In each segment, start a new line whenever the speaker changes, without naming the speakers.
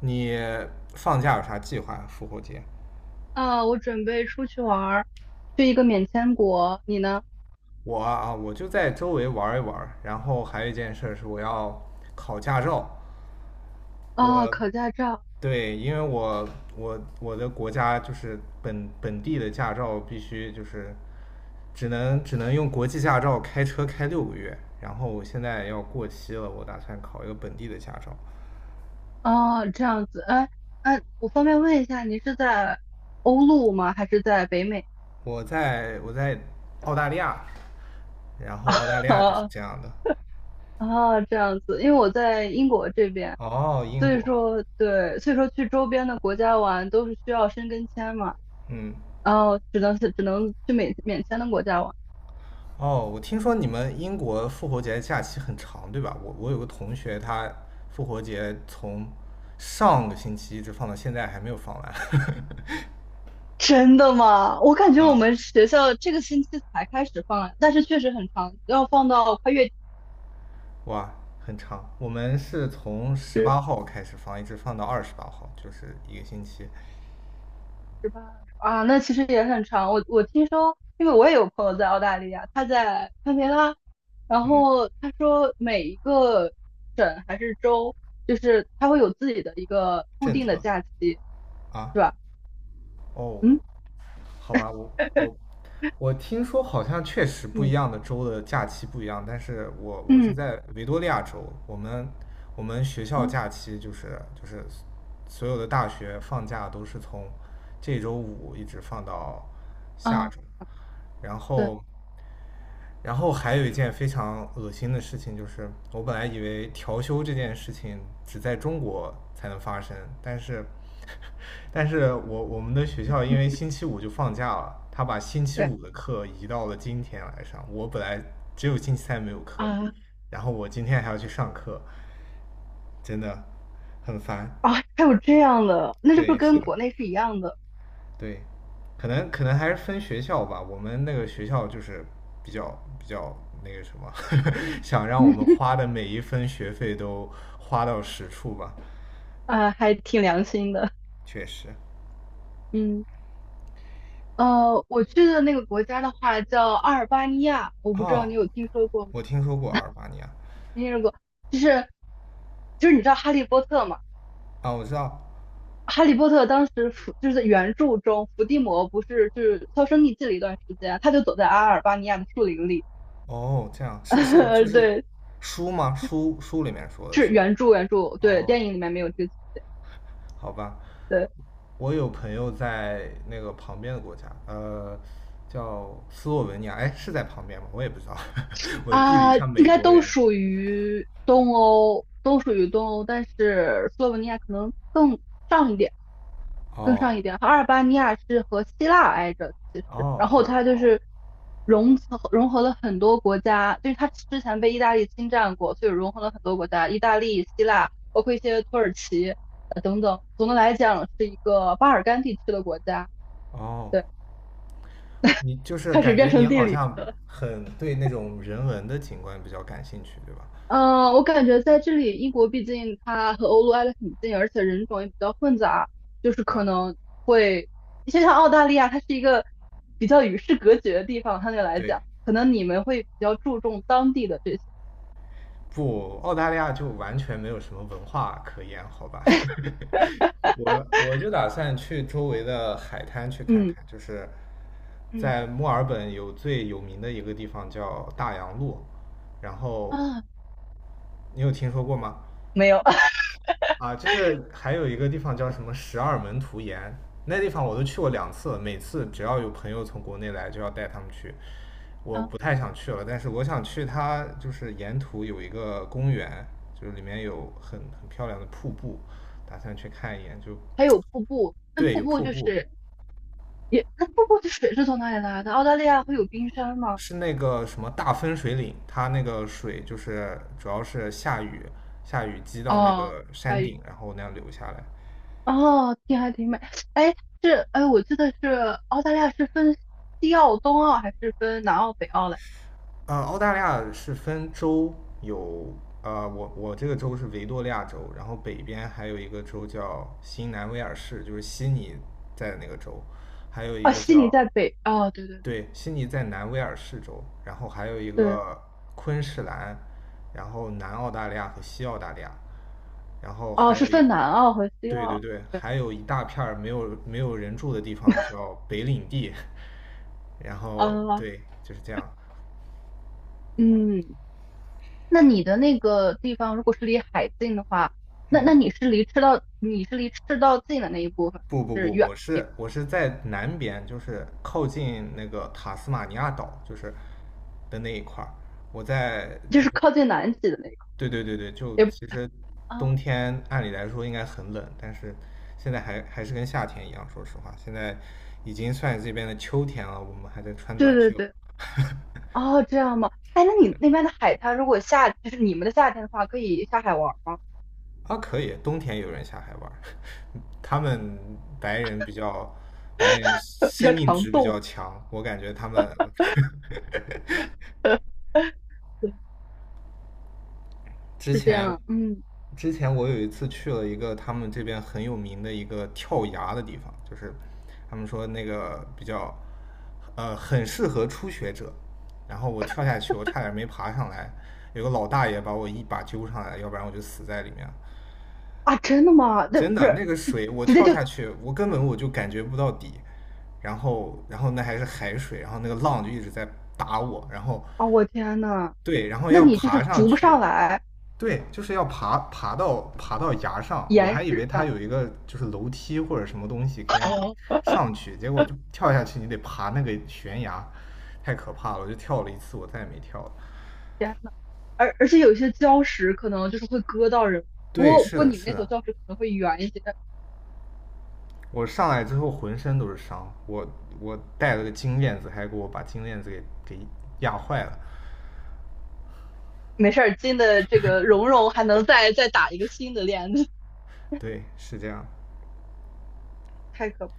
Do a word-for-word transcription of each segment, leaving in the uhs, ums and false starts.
你放假有啥计划？复活节？
啊，我准备出去玩儿，去一个免签国。你呢？
我啊，我就在周围玩一玩，然后还有一件事是我要考驾照。
啊，
我，
考驾照。
对，因为我我我的国家就是本本地的驾照必须就是只能只能用国际驾照开车开六个月，然后我现在要过期了，我打算考一个本地的驾照。
啊，这样子。哎，哎，我方便问一下，你是在欧陆吗？还是在北美？
我在我在澳大利亚，然后澳大 利亚就是
啊
这样的。
啊，这样子。因为我在英国这边，
哦，英
所以
国，
说对，所以说去周边的国家玩都是需要申根签嘛。
嗯。
然后只能是只能去免免签的国家玩。
哦，我听说你们英国复活节假期很长，对吧？我我有个同学，他复活节从上个星期一直放到现在，还没有放完。
真的吗？我感 觉我
啊，
们学校这个星期才开始放，但是确实很长，要放到快月底。
哇，很长。我们是从十八号开始放，一直放到二十八号，就是一个星期。
十八啊，那其实也很长。我我听说，因为我也有朋友在澳大利亚，他在堪培拉，然
嗯，
后他说每一个省还是州，就是他会有自己的一个固
政
定的
策
假期，
啊，
是吧？
哦，
嗯
好吧，我我我听说好像确实不一
嗯
样的州的假期不一样，但是我我是
嗯
在维多利亚州，我们我们学校
嗯
假期就是就是所有的大学放假都是从这周五一直放到下
啊，
周，然
对
后然后还有一件非常恶心的事情，就是我本来以为调休这件事情只在中国才能发生，但是，但是我我们的学校因为星期五就放假了，他把星期
对
五的课移到了今天来上。我本来只有星期三没有课，
啊，
然后我今天还要去上课，真的很烦。
啊，还有这样的，那是不是
对，是
跟
的。
国内是一样的？
对，可能可能还是分学校吧。我们那个学校就是比较比较那个什么，想让我们 花的每一分学费都花到实处吧。
啊，还挺良心的。
确实，
嗯，呃，我去的那个国家的话叫阿尔巴尼亚，我不知道你
哦，
有听说过吗？
我听说过阿尔巴尼亚。
尼说过，就是就是你知道《哈利波特》吗？
啊，我知道。
《哈利波特》当时伏就是在原著中，伏地魔不是就是销声匿迹了一段时间，他就躲在阿尔巴尼亚的树林里。
哦，这样是是就 是
对，
书吗？书书里面说的
是
是吗？
原著原著，对，
哦，
电影里面没有剧情。
好吧，
对
我有朋友在那个旁边的国家，呃，叫斯洛文尼亚，哎，是在旁边吗？我也不知道，我地理
啊，
像
应
美
该
国
都
人。
属于东欧，都属于东欧，但是斯洛文尼亚可能更。上一点。更
哦，
上一点，阿尔巴尼亚是和希腊挨着，其实，
哦，
然
这
后
样，
它就是融合融合了很多国家，就是它之前被意大利侵占过，所以融合了很多国家，意大利、希腊，包括一些土耳其。总的来讲，是一个巴尔干地区的国家。
哦，
对，
你就是
开始
感
变
觉你
成地
好
理。
像很对那种人文的景观比较感兴趣，对吧？
嗯，我感觉在这里，英国毕竟它和欧陆挨得很近，而且人种也比较混杂，就是可
啊，
能会，就像澳大利亚，它是一个比较与世隔绝的地方，相对来
对，
讲，可能你们会比较注重当地的这些。
不，澳大利亚就完全没有什么文化可言，好吧？我我就打算去周围的海滩去看
嗯
看，就是
嗯
在墨尔本有最有名的一个地方叫大洋路，然后
啊，
你有听说过吗？
没有
啊，就是还有一个地方叫什么十二门徒岩，那地方我都去过两次，每次只要有朋友从国内来，就要带他们去。我
啊，
不太想去了，但是我想去它，就是沿途有一个公园，就是里面有很很漂亮的瀑布，打算去看一眼。就
还有瀑布，那
对，
瀑
有
布
瀑
就
布，
是也，那瀑布的水是从哪里来的？澳大利亚会有冰山吗？
是那个什么大分水岭，它那个水就是主要是下雨，下雨积到那
哦，
个山
雨。
顶，然后那样流下来。
哦，天还挺美。哎，是哎，我记得是澳大利亚是分西澳、东澳还是分南澳、北澳嘞？
呃，澳大利亚是分州有，呃，我我这个州是维多利亚州，然后北边还有一个州叫新南威尔士，就是悉尼在的那个州，还有一
哦，
个
悉尼
叫，
在北。哦，对对
对，悉尼在南威尔士州，然后还有一
对，
个昆士兰，然后南澳大利亚和西澳大利亚，然后
哦，
还
是
有一，
分南澳和西
对对
澳。
对，还有一大片儿没有没有人住的地方叫北领地，然后
哦，
对，就是这样，
嗯，那你的那个地方如果是离海近的话，那那
嗯。
你是离赤道，你是离赤道近的那一部分，
不不
是
不，
远
我
的地
是
方
我是在南边，就是靠近那个塔斯马尼亚岛，就是的那一块儿。我在
就
就
是
是
靠近南极的那一块。
对对对对，就
也
其实
啊，
冬天按理来说应该很冷，但是现在还还是跟夏天一样。说实话，现在已经算这边的秋天了，我们还在穿
对
短
对
袖。
对，哦，这样吗？哎，那你那边的海滩，如果夏，就是你们的夏天的话，可以下海玩吗？
啊，可以，冬天有人下海玩儿，他们白人比较，白人
比较
生命
抗
值比
冻。
较强，我感觉他们。
对，
之
是这
前
样，嗯
之前我有一次去了一个他们这边很有名的一个跳崖的地方，就是他们说那个比较呃很适合初学者。然后我跳下去，我差点没爬上来，有个老大爷把我一把揪上来，要不然我就死在里面了。
啊，真的吗？那
真
不
的，
是
那个水我
直接
跳
就
下去，我根本我就感觉不到底。然后然后那还是海水，然后那个浪就一直在打我，然后
啊，我天呐，
对，然后
那
要
你就是
爬上
浮不上
去，
来
对，就是要爬爬到爬到崖上，我
岩
还以
石
为它
上，
有一个就是楼梯或者什么东西可以让你
哦
上去，结果就跳下去，你得爬那个悬崖，太可怕了！我就跳了一次，我再也没跳了。
天呐，而而且有些礁石可能就是会割到人，不
对，
过不
是
过
的，
你们
是
那所
的，
礁石可能会圆一些，
我上来之后浑身都是伤，我我带了个金链子，还给我把金链子给给压坏了。
没事儿，金的这个蓉融还能再再打一个新的链子，
对，是这样。
太可怕。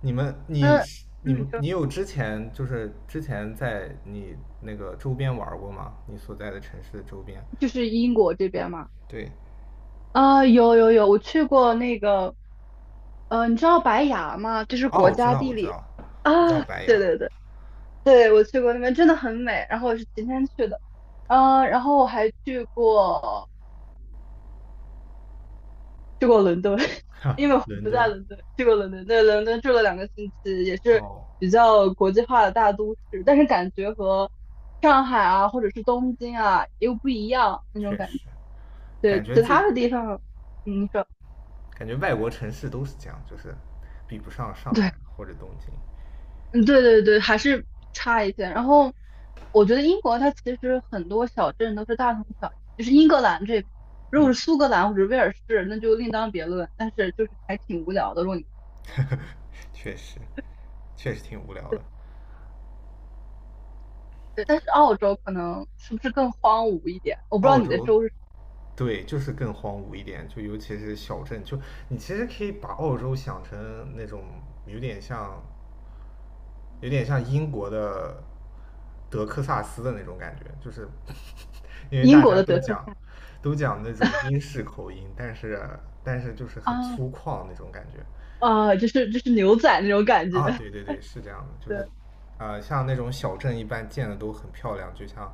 你们，你
那
是你
嗯，
们，
就
你有之前就是之前在你那个周边玩过吗？你所在的城市的周边？
就是英国这边嘛，
对，
啊，有有有，我去过那个，呃，你知道白崖吗？就是
哦，
国
我知
家
道，
地
我知
理。
道，我知
啊，
道白
对
牙。
对对。对，我去过那边，真的很美。然后我是晴天去的，嗯，然后我还去过去过伦敦，
哈，
因为 我
伦
不
敦。
在伦敦，去过伦敦，对，伦敦住了两个星期，也是
哦，
比较国际化的大都市，但是感觉和上海啊或者是东京啊又不一样那种
确
感觉。
实，感
对，
觉
其
这
他的地方，嗯你说。
感觉外国城市都是这样，就是比不上上海 或者东京。
嗯，对对对，还是差一些。然后我觉得英国它其实很多小镇都是大同小异，就是英格兰这边，如果
嗯，
是苏格兰或者威尔士，那就另当别论。但是就是还挺无聊的，如果你
确实，确实挺无聊
对
的。
对，但是澳洲可能是不是更荒芜一点？我不知道
澳
你的
洲，
州是
对，就是更荒芜一点，就尤其是小镇，就你其实可以把澳洲想成那种有点像有点像英国的德克萨斯的那种感觉，就是 因为
英
大
国
家
的
都
德克
讲都讲那种英式口音，但是但是就是很
啊
粗犷那种感觉。
啊，就是就是牛仔那种感觉，
啊，对对 对，是这样的，就是，
对
呃，像那种小镇一般建的都很漂亮，就像，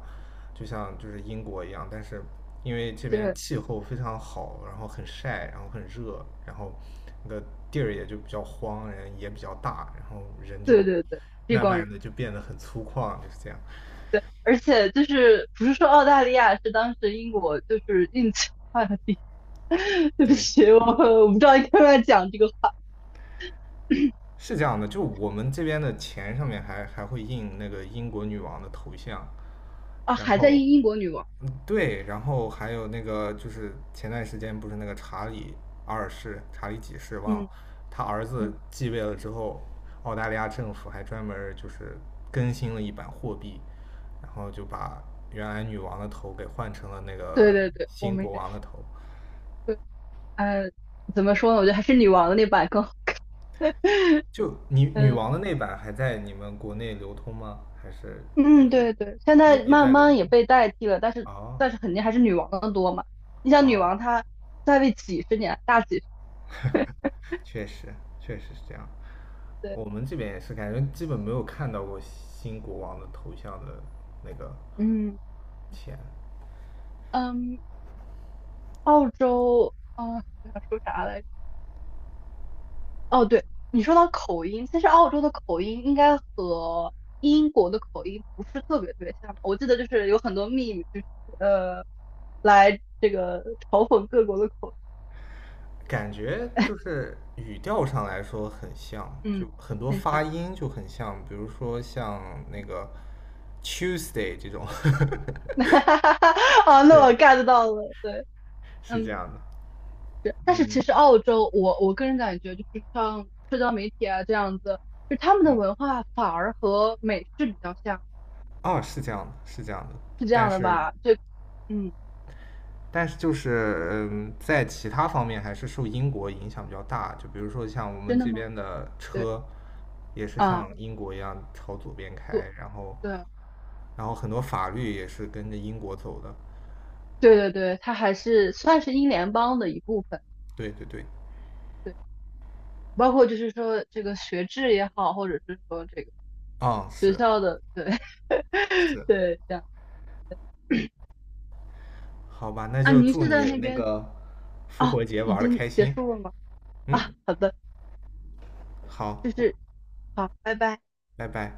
就像就是英国一样，但是因为这边
对
气候非常好，然后很晒，然后很热，然后那个地儿也就比较荒，人也比较大，然后人
对
就
对对，地
慢
广人
慢
稀
的就变得很粗犷，就是这样。
对，而且就是不是说澳大利亚是当时英国就是运气坏了。对不
对，
起，我我不知道应该不该讲这个话。
是这样的，就我们这边的钱上面还还会印那个英国女王的头像，
啊，
然
还在
后
英英国女王，
嗯，对，然后还有那个就是前段时间不是那个查理二世、查理几世忘
嗯
了，他儿子
嗯，
继位了之后，澳大利亚政府还专门儿就是更新了一版货币，然后就把原来女王的头给换成了那
对
个
对对，我
新
们
国
也
王的
是。
头。
对，呃，怎么说呢？我觉得还是女王的那版更好。
就女女
嗯
王的那版还在你们国内流通吗？还是就
嗯，
是
对对，现
也
在
也
慢
在流
慢也
通？
被代替了，但是
哦，
但是肯定还是女王的多嘛。你
啊。
想，女王
哦，
她在位几十年，大几十。
确实，确实是这样。
对，
我们这边也是，感觉基本没有看到过新国王的头像的那个
嗯
天，
嗯，澳洲，啊、我想说啥来着？哦，对，你说到口音，其实澳洲的口音应该和英国的口音不是特别特别像。我记得就是有很多秘 e 就是呃，来这个嘲讽各国的口音
感觉就是语调上来说很像，就
嗯，
很多
很像。
发音就很像，比如说像那个 Tuesday 这种，
啊，那
对，
我 get 到了，对，
是这
嗯，
样的，
是。但是其
嗯
实澳洲，我我个人感觉就是像社交媒体啊这样子，就他们的
嗯，
文化反而和美式比较像，
哦，是这样的，是这样的，
是这
但
样的
是
吧？这，嗯，
但是就是嗯，在其他方面还是受英国影响比较大，就比如说像我们
真的
这
吗？
边的
对
车，也是像
啊，
英国一样朝左边开，然后
对。
然后很多法律也是跟着英国走的。
对对对，它还是算是英联邦的一部分，
对对对，
对，包括就是说这个学制也好，或者是说这个
嗯，
学
是
校的，对
是，
对，这样
好吧，那
啊，
就
您
祝
是在
你
那
那
边
个复
啊，
活节
已
玩的
经
开
结
心。
束了吗？
嗯，
啊，好的，
好，
就是好，拜拜。
拜拜。